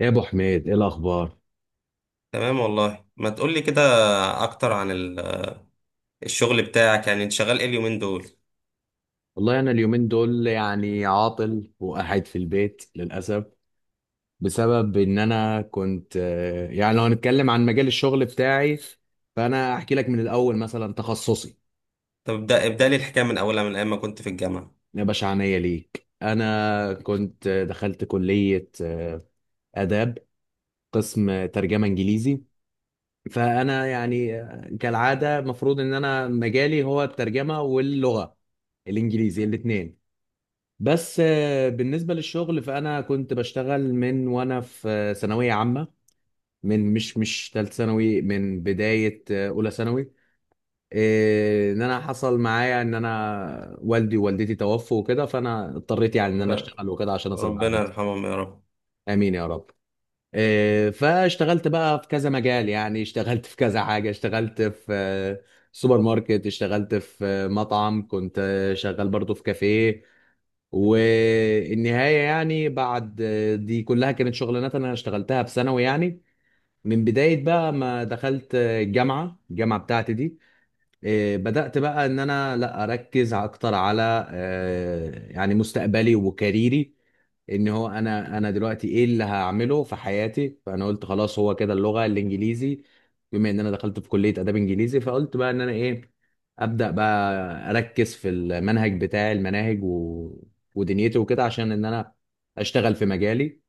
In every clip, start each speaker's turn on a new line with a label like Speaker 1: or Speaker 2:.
Speaker 1: يا ابو حميد ايه الاخبار.
Speaker 2: تمام والله ما تقولي كده اكتر عن الشغل بتاعك. يعني انت شغال ايه اليومين دول؟
Speaker 1: والله انا اليومين دول يعني عاطل وقاعد في البيت للاسف بسبب ان انا كنت يعني لو هنتكلم عن مجال الشغل بتاعي فانا احكي لك من الاول مثلا تخصصي.
Speaker 2: طب ابدا لي الحكايه من اولها، من ايام ما كنت في الجامعه.
Speaker 1: يا باشا عينيا ليك، انا كنت دخلت كلية آداب، قسم ترجمة انجليزي. فانا يعني كالعادة المفروض ان انا مجالي هو الترجمة واللغة الانجليزي الاثنين. بس بالنسبة للشغل فأنا كنت بشتغل من وأنا في ثانوية عامة، من مش مش تالت ثانوي، من بداية أولى ثانوي. إن أنا حصل معايا إن أنا والدي ووالدتي توفوا وكده، فأنا اضطريت يعني إن أنا
Speaker 2: ب...
Speaker 1: أشتغل وكده عشان أصرف على
Speaker 2: ربنا
Speaker 1: نفسي.
Speaker 2: يرحمهم يا رب.
Speaker 1: آمين يا رب. فاشتغلت بقى في كذا مجال، يعني اشتغلت في كذا حاجة، اشتغلت في سوبر ماركت، اشتغلت في مطعم، كنت شغال برضو في كافيه. والنهاية يعني بعد، دي كلها كانت شغلانات أنا اشتغلتها في ثانوي يعني. من بداية بقى ما دخلت الجامعة، بتاعتي دي إيه، بدأت بقى ان انا لا اركز اكتر على يعني مستقبلي وكاريري. ان هو انا دلوقتي ايه اللي هعمله في حياتي، فانا قلت خلاص هو كده اللغة الانجليزي. بما ان انا دخلت في كلية اداب انجليزي، فقلت بقى ان انا ايه، ابدأ بقى اركز في المنهج بتاعي، المناهج و... ودنيتي وكده عشان ان انا اشتغل في مجالي.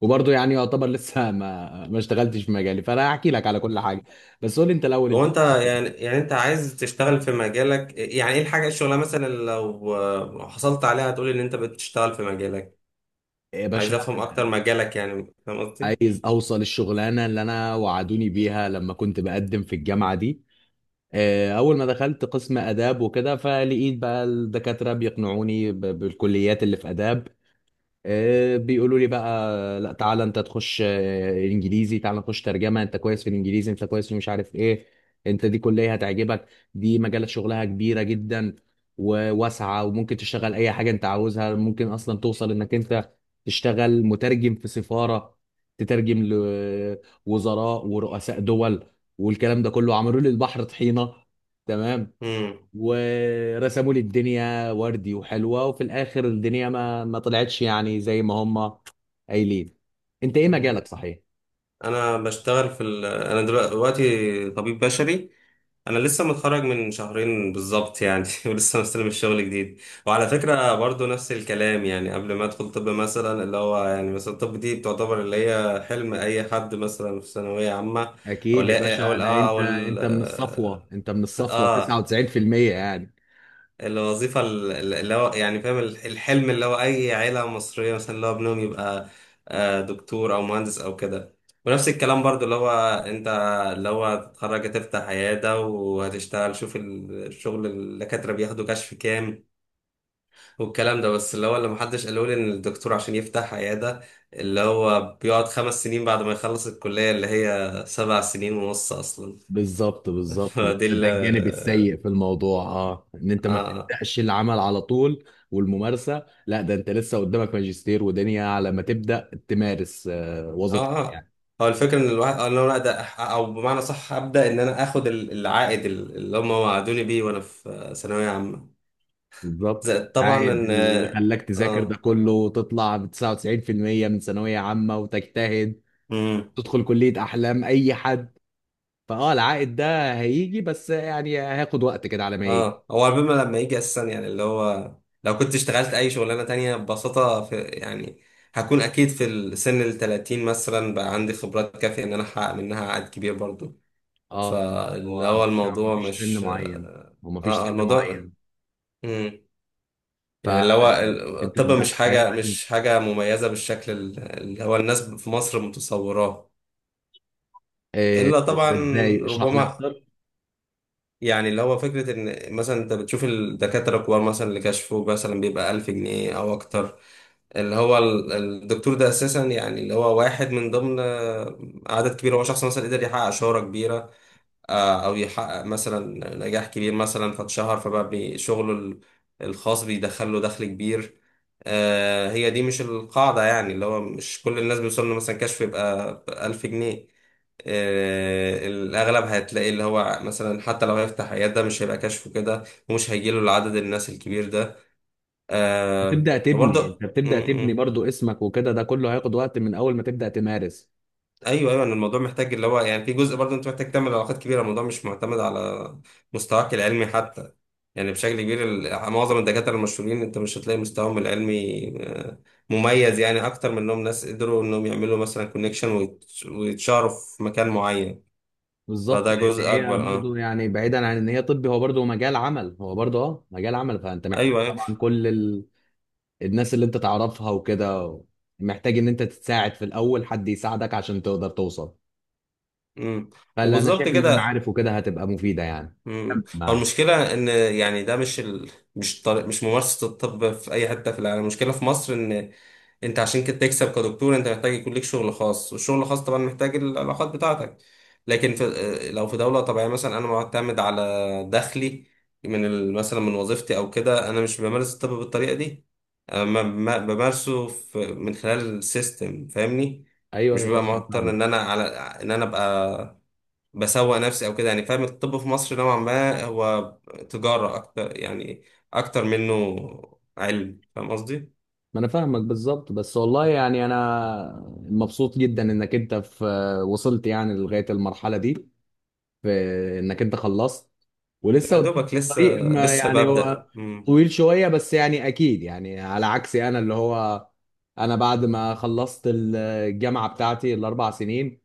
Speaker 1: وبرضه يعني يعتبر لسه ما اشتغلتش في مجالي، فانا هحكي لك على كل حاجة. بس قول لي انت الاول،
Speaker 2: هو
Speaker 1: انت
Speaker 2: انت يعني،
Speaker 1: إيه؟
Speaker 2: انت عايز تشتغل في مجالك؟ يعني ايه الحاجه، الشغله مثلا، اللي لو حصلت عليها هتقولي ان انت بتشتغل في مجالك؟
Speaker 1: يا
Speaker 2: عايز
Speaker 1: باشا،
Speaker 2: افهم اكتر مجالك، يعني فاهم قصدي.
Speaker 1: عايز اوصل الشغلانه اللي انا وعدوني بيها لما كنت بقدم في الجامعه دي. اول ما دخلت قسم اداب وكده، فلقيت بقى الدكاتره بيقنعوني بالكليات اللي في اداب. بيقولوا لي بقى لا، تعالى انت تخش انجليزي، تعالى نخش ترجمه، انت كويس في الانجليزي، انت كويس في مش عارف ايه، انت دي كليه هتعجبك، دي مجالات شغلها كبيره جدا وواسعه، وممكن تشتغل اي حاجه انت عاوزها، ممكن اصلا توصل انك انت تشتغل مترجم في سفاره، تترجم لوزراء ورؤساء دول. والكلام ده كله عملوا لي البحر طحينه، تمام،
Speaker 2: امم
Speaker 1: ورسموا لي الدنيا وردي وحلوة، وفي الآخر الدنيا ما طلعتش يعني زي ما هم قايلين. انت ايه
Speaker 2: امم.
Speaker 1: مجالك صحيح؟
Speaker 2: انا بشتغل في انا دلوقتي طبيب بشري. انا لسه متخرج من شهرين بالظبط يعني ولسه مستلم الشغل جديد. وعلى فكره برضو نفس الكلام، يعني قبل ما ادخل طب مثلا، اللي هو يعني مثلا الطب دي بتعتبر اللي هي حلم اي حد مثلا في ثانويه عامه. او
Speaker 1: اكيد يا
Speaker 2: لا او
Speaker 1: باشا،
Speaker 2: ال-
Speaker 1: ده
Speaker 2: اه
Speaker 1: انت،
Speaker 2: او ال-
Speaker 1: انت من الصفوة
Speaker 2: اه،
Speaker 1: 99% يعني.
Speaker 2: الوظيفة اللي هو يعني فاهم الحلم، اللي هو أي عيلة مصرية مثلا اللي هو ابنهم يبقى دكتور أو مهندس أو كده. ونفس الكلام برضو اللي هو أنت اللي هو هتتخرج، هتفتح عيادة وهتشتغل، شوف الشغل الدكاترة بياخدوا كشف كام. والكلام ده، بس اللي هو اللي محدش قاله لي إن الدكتور عشان يفتح عيادة اللي هو بيقعد خمس سنين بعد ما يخلص الكلية اللي هي سبع سنين ونص أصلا.
Speaker 1: بالظبط بالظبط ده
Speaker 2: فدي ال
Speaker 1: ده الجانب السيء في الموضوع، اه، ان انت
Speaker 2: آه
Speaker 1: ما
Speaker 2: آه.
Speaker 1: بتبداش العمل على طول والممارسة. لا، ده انت لسه قدامك ماجستير ودنيا على ما تبدا تمارس
Speaker 2: اه
Speaker 1: وظيفتك
Speaker 2: اه،
Speaker 1: يعني.
Speaker 2: هو الفكره ان الواحد، ان انا ابدا او بمعنى صح ابدا ان انا اخد العائد اللي هم وعدوني بيه وانا في ثانويه عامه،
Speaker 1: بالظبط،
Speaker 2: زائد طبعا
Speaker 1: عائد
Speaker 2: ان،
Speaker 1: اللي خلاك تذاكر ده
Speaker 2: اه،
Speaker 1: كله وتطلع ب 99% من ثانوية عامة وتجتهد
Speaker 2: امم.
Speaker 1: تدخل كلية أحلام أي حد. فأه العائد ده هيجي بس يعني هياخد وقت كده على ما يجي.
Speaker 2: اه هو لما يجي اساسا، يعني اللي هو لو كنت اشتغلت اي شغلانه تانية ببساطه، في يعني هكون اكيد في السن ال 30 مثلا بقى عندي خبرات كافيه ان انا احقق منها عائد كبير برضو.
Speaker 1: أه،
Speaker 2: فاللي
Speaker 1: هو
Speaker 2: هو الموضوع
Speaker 1: مفيش سن
Speaker 2: مش
Speaker 1: معين.
Speaker 2: اه،
Speaker 1: هو مفيش سن
Speaker 2: الموضوع
Speaker 1: معين
Speaker 2: يعني اللي هو
Speaker 1: فأنت
Speaker 2: الطب
Speaker 1: تبدأ
Speaker 2: مش حاجة
Speaker 1: حياتك.
Speaker 2: مميزة بالشكل اللي هو الناس في مصر متصوراه.
Speaker 1: آه،
Speaker 2: إلا طبعا
Speaker 1: ده ازاي؟ اشرح لي
Speaker 2: ربما،
Speaker 1: اكتر.
Speaker 2: يعني اللي هو فكرة إن مثلا أنت بتشوف الدكاترة الكبار مثلا اللي كشفه مثلا بيبقى ألف جنيه أو أكتر، اللي هو الدكتور ده أساسا يعني اللي هو واحد من ضمن عدد كبير. هو شخص مثلا قدر يحقق شهرة كبيرة، او يحقق مثلا نجاح كبير مثلا فاتشهر، فبقى شغله الخاص بيدخل له دخل كبير. هي دي مش القاعدة، يعني اللي هو مش كل الناس بيوصل له مثلا كشف يبقى ألف جنيه. الأغلب هتلاقي اللي هو مثلا حتى لو هيفتح عيادة ده مش هيبقى كشفه كده، ومش هيجيله العدد الناس الكبير ده.
Speaker 1: بتبدا تبني انت
Speaker 2: وبرضه
Speaker 1: بتبدا تبني برضو اسمك وكده، ده كله هياخد وقت من اول ما تبدا تمارس.
Speaker 2: ايوه، ايوه، ان الموضوع محتاج اللي هو يعني في جزء برضه انت محتاج تعمل علاقات كبيره. الموضوع مش معتمد على مستواك العلمي حتى، يعني بشكل كبير معظم الدكاتره المشهورين انت مش هتلاقي مستواهم العلمي مميز، يعني اكتر من انهم ناس قدروا انهم يعملوا مثلا كونكشن ويتشهروا في مكان معين.
Speaker 1: بالظبط،
Speaker 2: فده
Speaker 1: لان
Speaker 2: جزء
Speaker 1: هي
Speaker 2: اكبر،
Speaker 1: برضو
Speaker 2: اه.
Speaker 1: يعني بعيدا عن ان هي طبي، هو برضو مجال عمل، هو برضو اه مجال عمل، فانت محتاج
Speaker 2: ايوه ايوه.
Speaker 1: طبعا كل الناس اللي انت تعرفها وكده. محتاج ان انت تتساعد في الاول، حد يساعدك عشان تقدر توصل.
Speaker 2: امم،
Speaker 1: فلا، انا
Speaker 2: وبالظبط
Speaker 1: شايف ان
Speaker 2: كده.
Speaker 1: المعارف وكده هتبقى مفيده يعني.
Speaker 2: امم، هو
Speaker 1: ما
Speaker 2: المشكله ان يعني ده مش ال... مش طريق... مش ممارسه الطب في اي حته في العالم. المشكله في مصر ان انت عشان كده تكسب كدكتور انت محتاج يكون ليك شغل خاص، والشغل الخاص طبعا محتاج العلاقات بتاعتك. لكن في... لو في دوله طبيعيه مثلا انا معتمد على دخلي من مثلا من وظيفتي او كده، انا مش بمارس الطب بالطريقه دي. أنا ما... ما... بمارسه في... من خلال السيستم، فاهمني؟
Speaker 1: ايوه،
Speaker 2: مش
Speaker 1: أيوة
Speaker 2: ببقى
Speaker 1: طبعا
Speaker 2: مضطر
Speaker 1: فاهمك.
Speaker 2: ان انا على، ان انا ابقى بسوق نفسي او كده. يعني فاهم، الطب في مصر نوعا ما هو تجارة اكتر يعني، اكتر منه علم، فاهم قصدي؟
Speaker 1: ما انا فاهمك بالظبط. بس والله يعني انا مبسوط جدا انك انت في، وصلت يعني لغايه المرحله دي، في انك انت خلصت. ولسه
Speaker 2: يا
Speaker 1: قدام
Speaker 2: دوبك لسه،
Speaker 1: الطريق ما
Speaker 2: لسه
Speaker 1: يعني،
Speaker 2: ببدأ.
Speaker 1: هو
Speaker 2: امم،
Speaker 1: طويل شوية بس يعني، أكيد يعني على عكسي أنا. اللي هو أنا بعد ما خلصت الجامعة بتاعتي ال4 سنين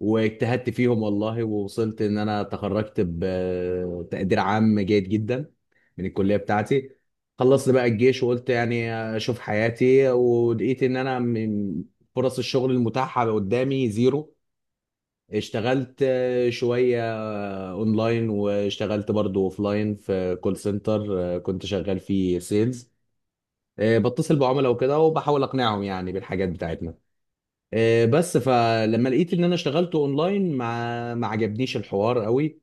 Speaker 1: واجتهدت فيهم والله، ووصلت إن أنا تخرجت بتقدير عام جيد جدا من الكلية بتاعتي. خلصت بقى الجيش وقلت يعني أشوف حياتي، ولقيت إن أنا من فرص الشغل المتاحة قدامي زيرو. اشتغلت شوية اونلاين، واشتغلت برضو اوفلاين في كول سنتر كنت شغال فيه سيلز، بتصل بعملاء وكده وبحاول اقنعهم يعني بالحاجات بتاعتنا. بس فلما لقيت ان انا اشتغلت اونلاين ما عجبنيش الحوار قوي،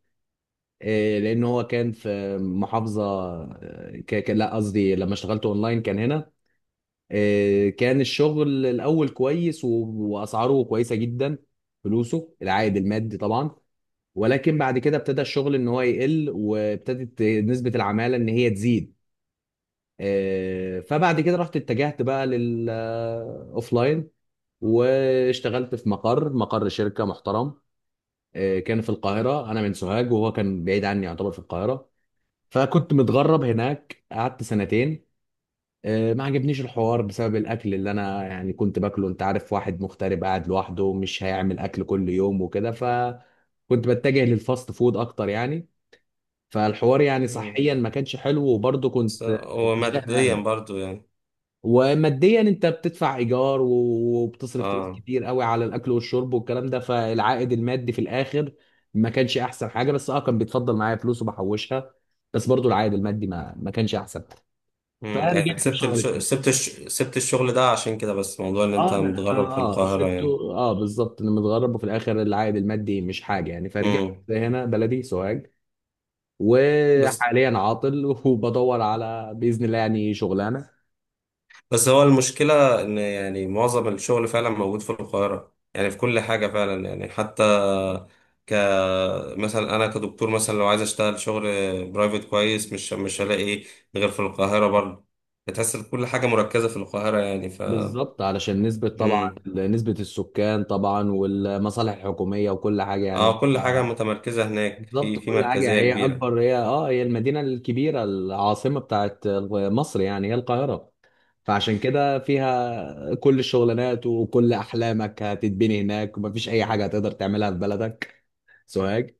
Speaker 1: لان هو كان في محافظه، لا قصدي لما اشتغلت اونلاين كان هنا. كان الشغل الاول كويس واسعاره كويسه جدا، فلوسه العائد المادي طبعا. ولكن بعد كده ابتدى الشغل ان هو يقل، وابتدت نسبة العمالة ان هي تزيد. فبعد كده رحت اتجهت بقى للاوفلاين، واشتغلت في مقر شركة محترم. كان في القاهرة، انا من سوهاج وهو كان بعيد عني يعتبر في القاهرة، فكنت متغرب هناك، قعدت سنتين. ما عجبنيش الحوار بسبب الاكل اللي انا يعني كنت باكله، انت عارف واحد مغترب قاعد لوحده مش هيعمل اكل كل يوم وكده، فكنت بتجه للفاست فود اكتر يعني. فالحوار يعني
Speaker 2: امم.
Speaker 1: صحيا ما كانش حلو، وبرضه
Speaker 2: بس
Speaker 1: كنت
Speaker 2: هو
Speaker 1: مشتاق
Speaker 2: ماديا
Speaker 1: لاهلي.
Speaker 2: برضو يعني.
Speaker 1: وماديا انت بتدفع ايجار وبتصرف فلوس
Speaker 2: اه،
Speaker 1: كتير قوي على الاكل والشرب والكلام ده، فالعائد المادي في الاخر ما كانش احسن حاجه، بس اه كان بيتفضل معايا فلوس وبحوشها. بس برضه العائد المادي ما كانش احسن،
Speaker 2: امم. يعني
Speaker 1: فرجعت في شهر تاني.
Speaker 2: سبت الشغل ده عشان كده، بس موضوع ان انت
Speaker 1: اه انا اه،
Speaker 2: متغرب في القاهرة يعني.
Speaker 1: سبته اه بالظبط، انا متغرب وفي الاخر العائد المادي مش حاجه، يعني فرجعت
Speaker 2: امم.
Speaker 1: هنا بلدي سوهاج
Speaker 2: بس
Speaker 1: وحاليا عاطل وبدور على باذن الله يعني شغلانه.
Speaker 2: بس هو المشكلة ان يعني معظم الشغل فعلا موجود في القاهرة يعني، في كل حاجة فعلا يعني. حتى ك مثلا انا كدكتور مثلا لو عايز اشتغل شغل برايفت كويس مش هلاقي إيه غير في القاهره برضه. بتحس إن كل حاجه مركزه في القاهره يعني.
Speaker 1: بالظبط، علشان نسبة طبعا،
Speaker 2: امم،
Speaker 1: نسبة السكان طبعا والمصالح الحكومية وكل حاجة
Speaker 2: اه،
Speaker 1: يعني.
Speaker 2: كل حاجه متمركزه هناك،
Speaker 1: بالظبط،
Speaker 2: في في
Speaker 1: كل حاجة
Speaker 2: مركزيه
Speaker 1: هي
Speaker 2: كبيره.
Speaker 1: أكبر، هي اه هي المدينة الكبيرة، العاصمة بتاعت مصر يعني هي القاهرة، فعشان كده فيها كل الشغلانات وكل أحلامك هتتبني هناك، ومفيش أي حاجة هتقدر تعملها في بلدك سوهاج.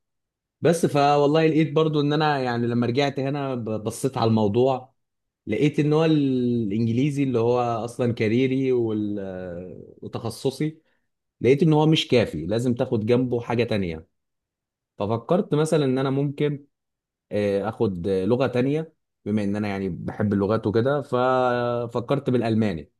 Speaker 1: بس فوالله لقيت برضو إن أنا يعني لما رجعت هنا بصيت على الموضوع، لقيت ان هو الانجليزي اللي هو اصلا كاريري وتخصصي، لقيت ان هو مش كافي، لازم تاخد جنبه حاجة تانية. ففكرت مثلا ان انا ممكن اخد لغة تانية، بما ان انا يعني بحب اللغات وكده، ففكرت بالالماني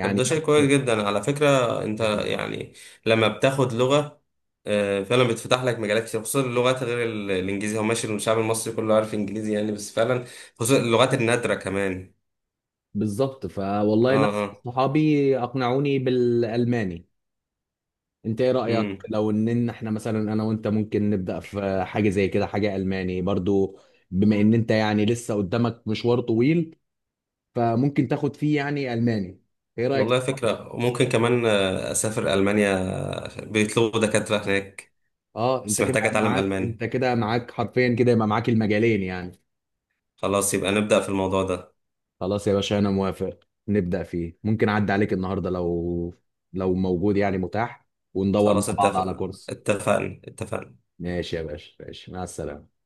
Speaker 2: طب ده شيء
Speaker 1: ده
Speaker 2: كويس جدا على فكره. انت
Speaker 1: حكم.
Speaker 2: يعني لما بتاخد لغه، فعلا بتفتح لك مجالات كتير، خصوصا اللغات غير الانجليزي هو ماشي، الشعب المصري كله عارف انجليزي يعني، بس فعلا خصوصا اللغات النادره كمان.
Speaker 1: بالظبط،
Speaker 2: اه
Speaker 1: فوالله ناس
Speaker 2: اه.
Speaker 1: صحابي اقنعوني بالالماني. انت ايه رأيك
Speaker 2: امم،
Speaker 1: لو ان إن احنا مثلا انا وانت ممكن نبدأ في حاجة زي كده، حاجة ألماني برضو، بما ان انت يعني لسه قدامك مشوار طويل، فممكن تاخد فيه يعني ألماني. ايه رأيك في
Speaker 2: والله
Speaker 1: الحوار ده؟
Speaker 2: فكرة. وممكن كمان أسافر ألمانيا، بيطلبوا دكاترة هناك.
Speaker 1: اه
Speaker 2: بس
Speaker 1: انت كده
Speaker 2: محتاج أتعلم
Speaker 1: معاك،
Speaker 2: ألماني.
Speaker 1: حرفيا كده يبقى معاك المجالين يعني.
Speaker 2: خلاص يبقى نبدأ في الموضوع ده.
Speaker 1: خلاص يا باشا انا موافق، نبدأ فيه. ممكن اعدي عليك النهاردة لو، لو موجود يعني متاح، وندور مع
Speaker 2: خلاص
Speaker 1: بعض على
Speaker 2: اتفق،
Speaker 1: كورس.
Speaker 2: اتفقنا اتفقنا.
Speaker 1: ماشي يا باشا، ماشي، مع السلامة.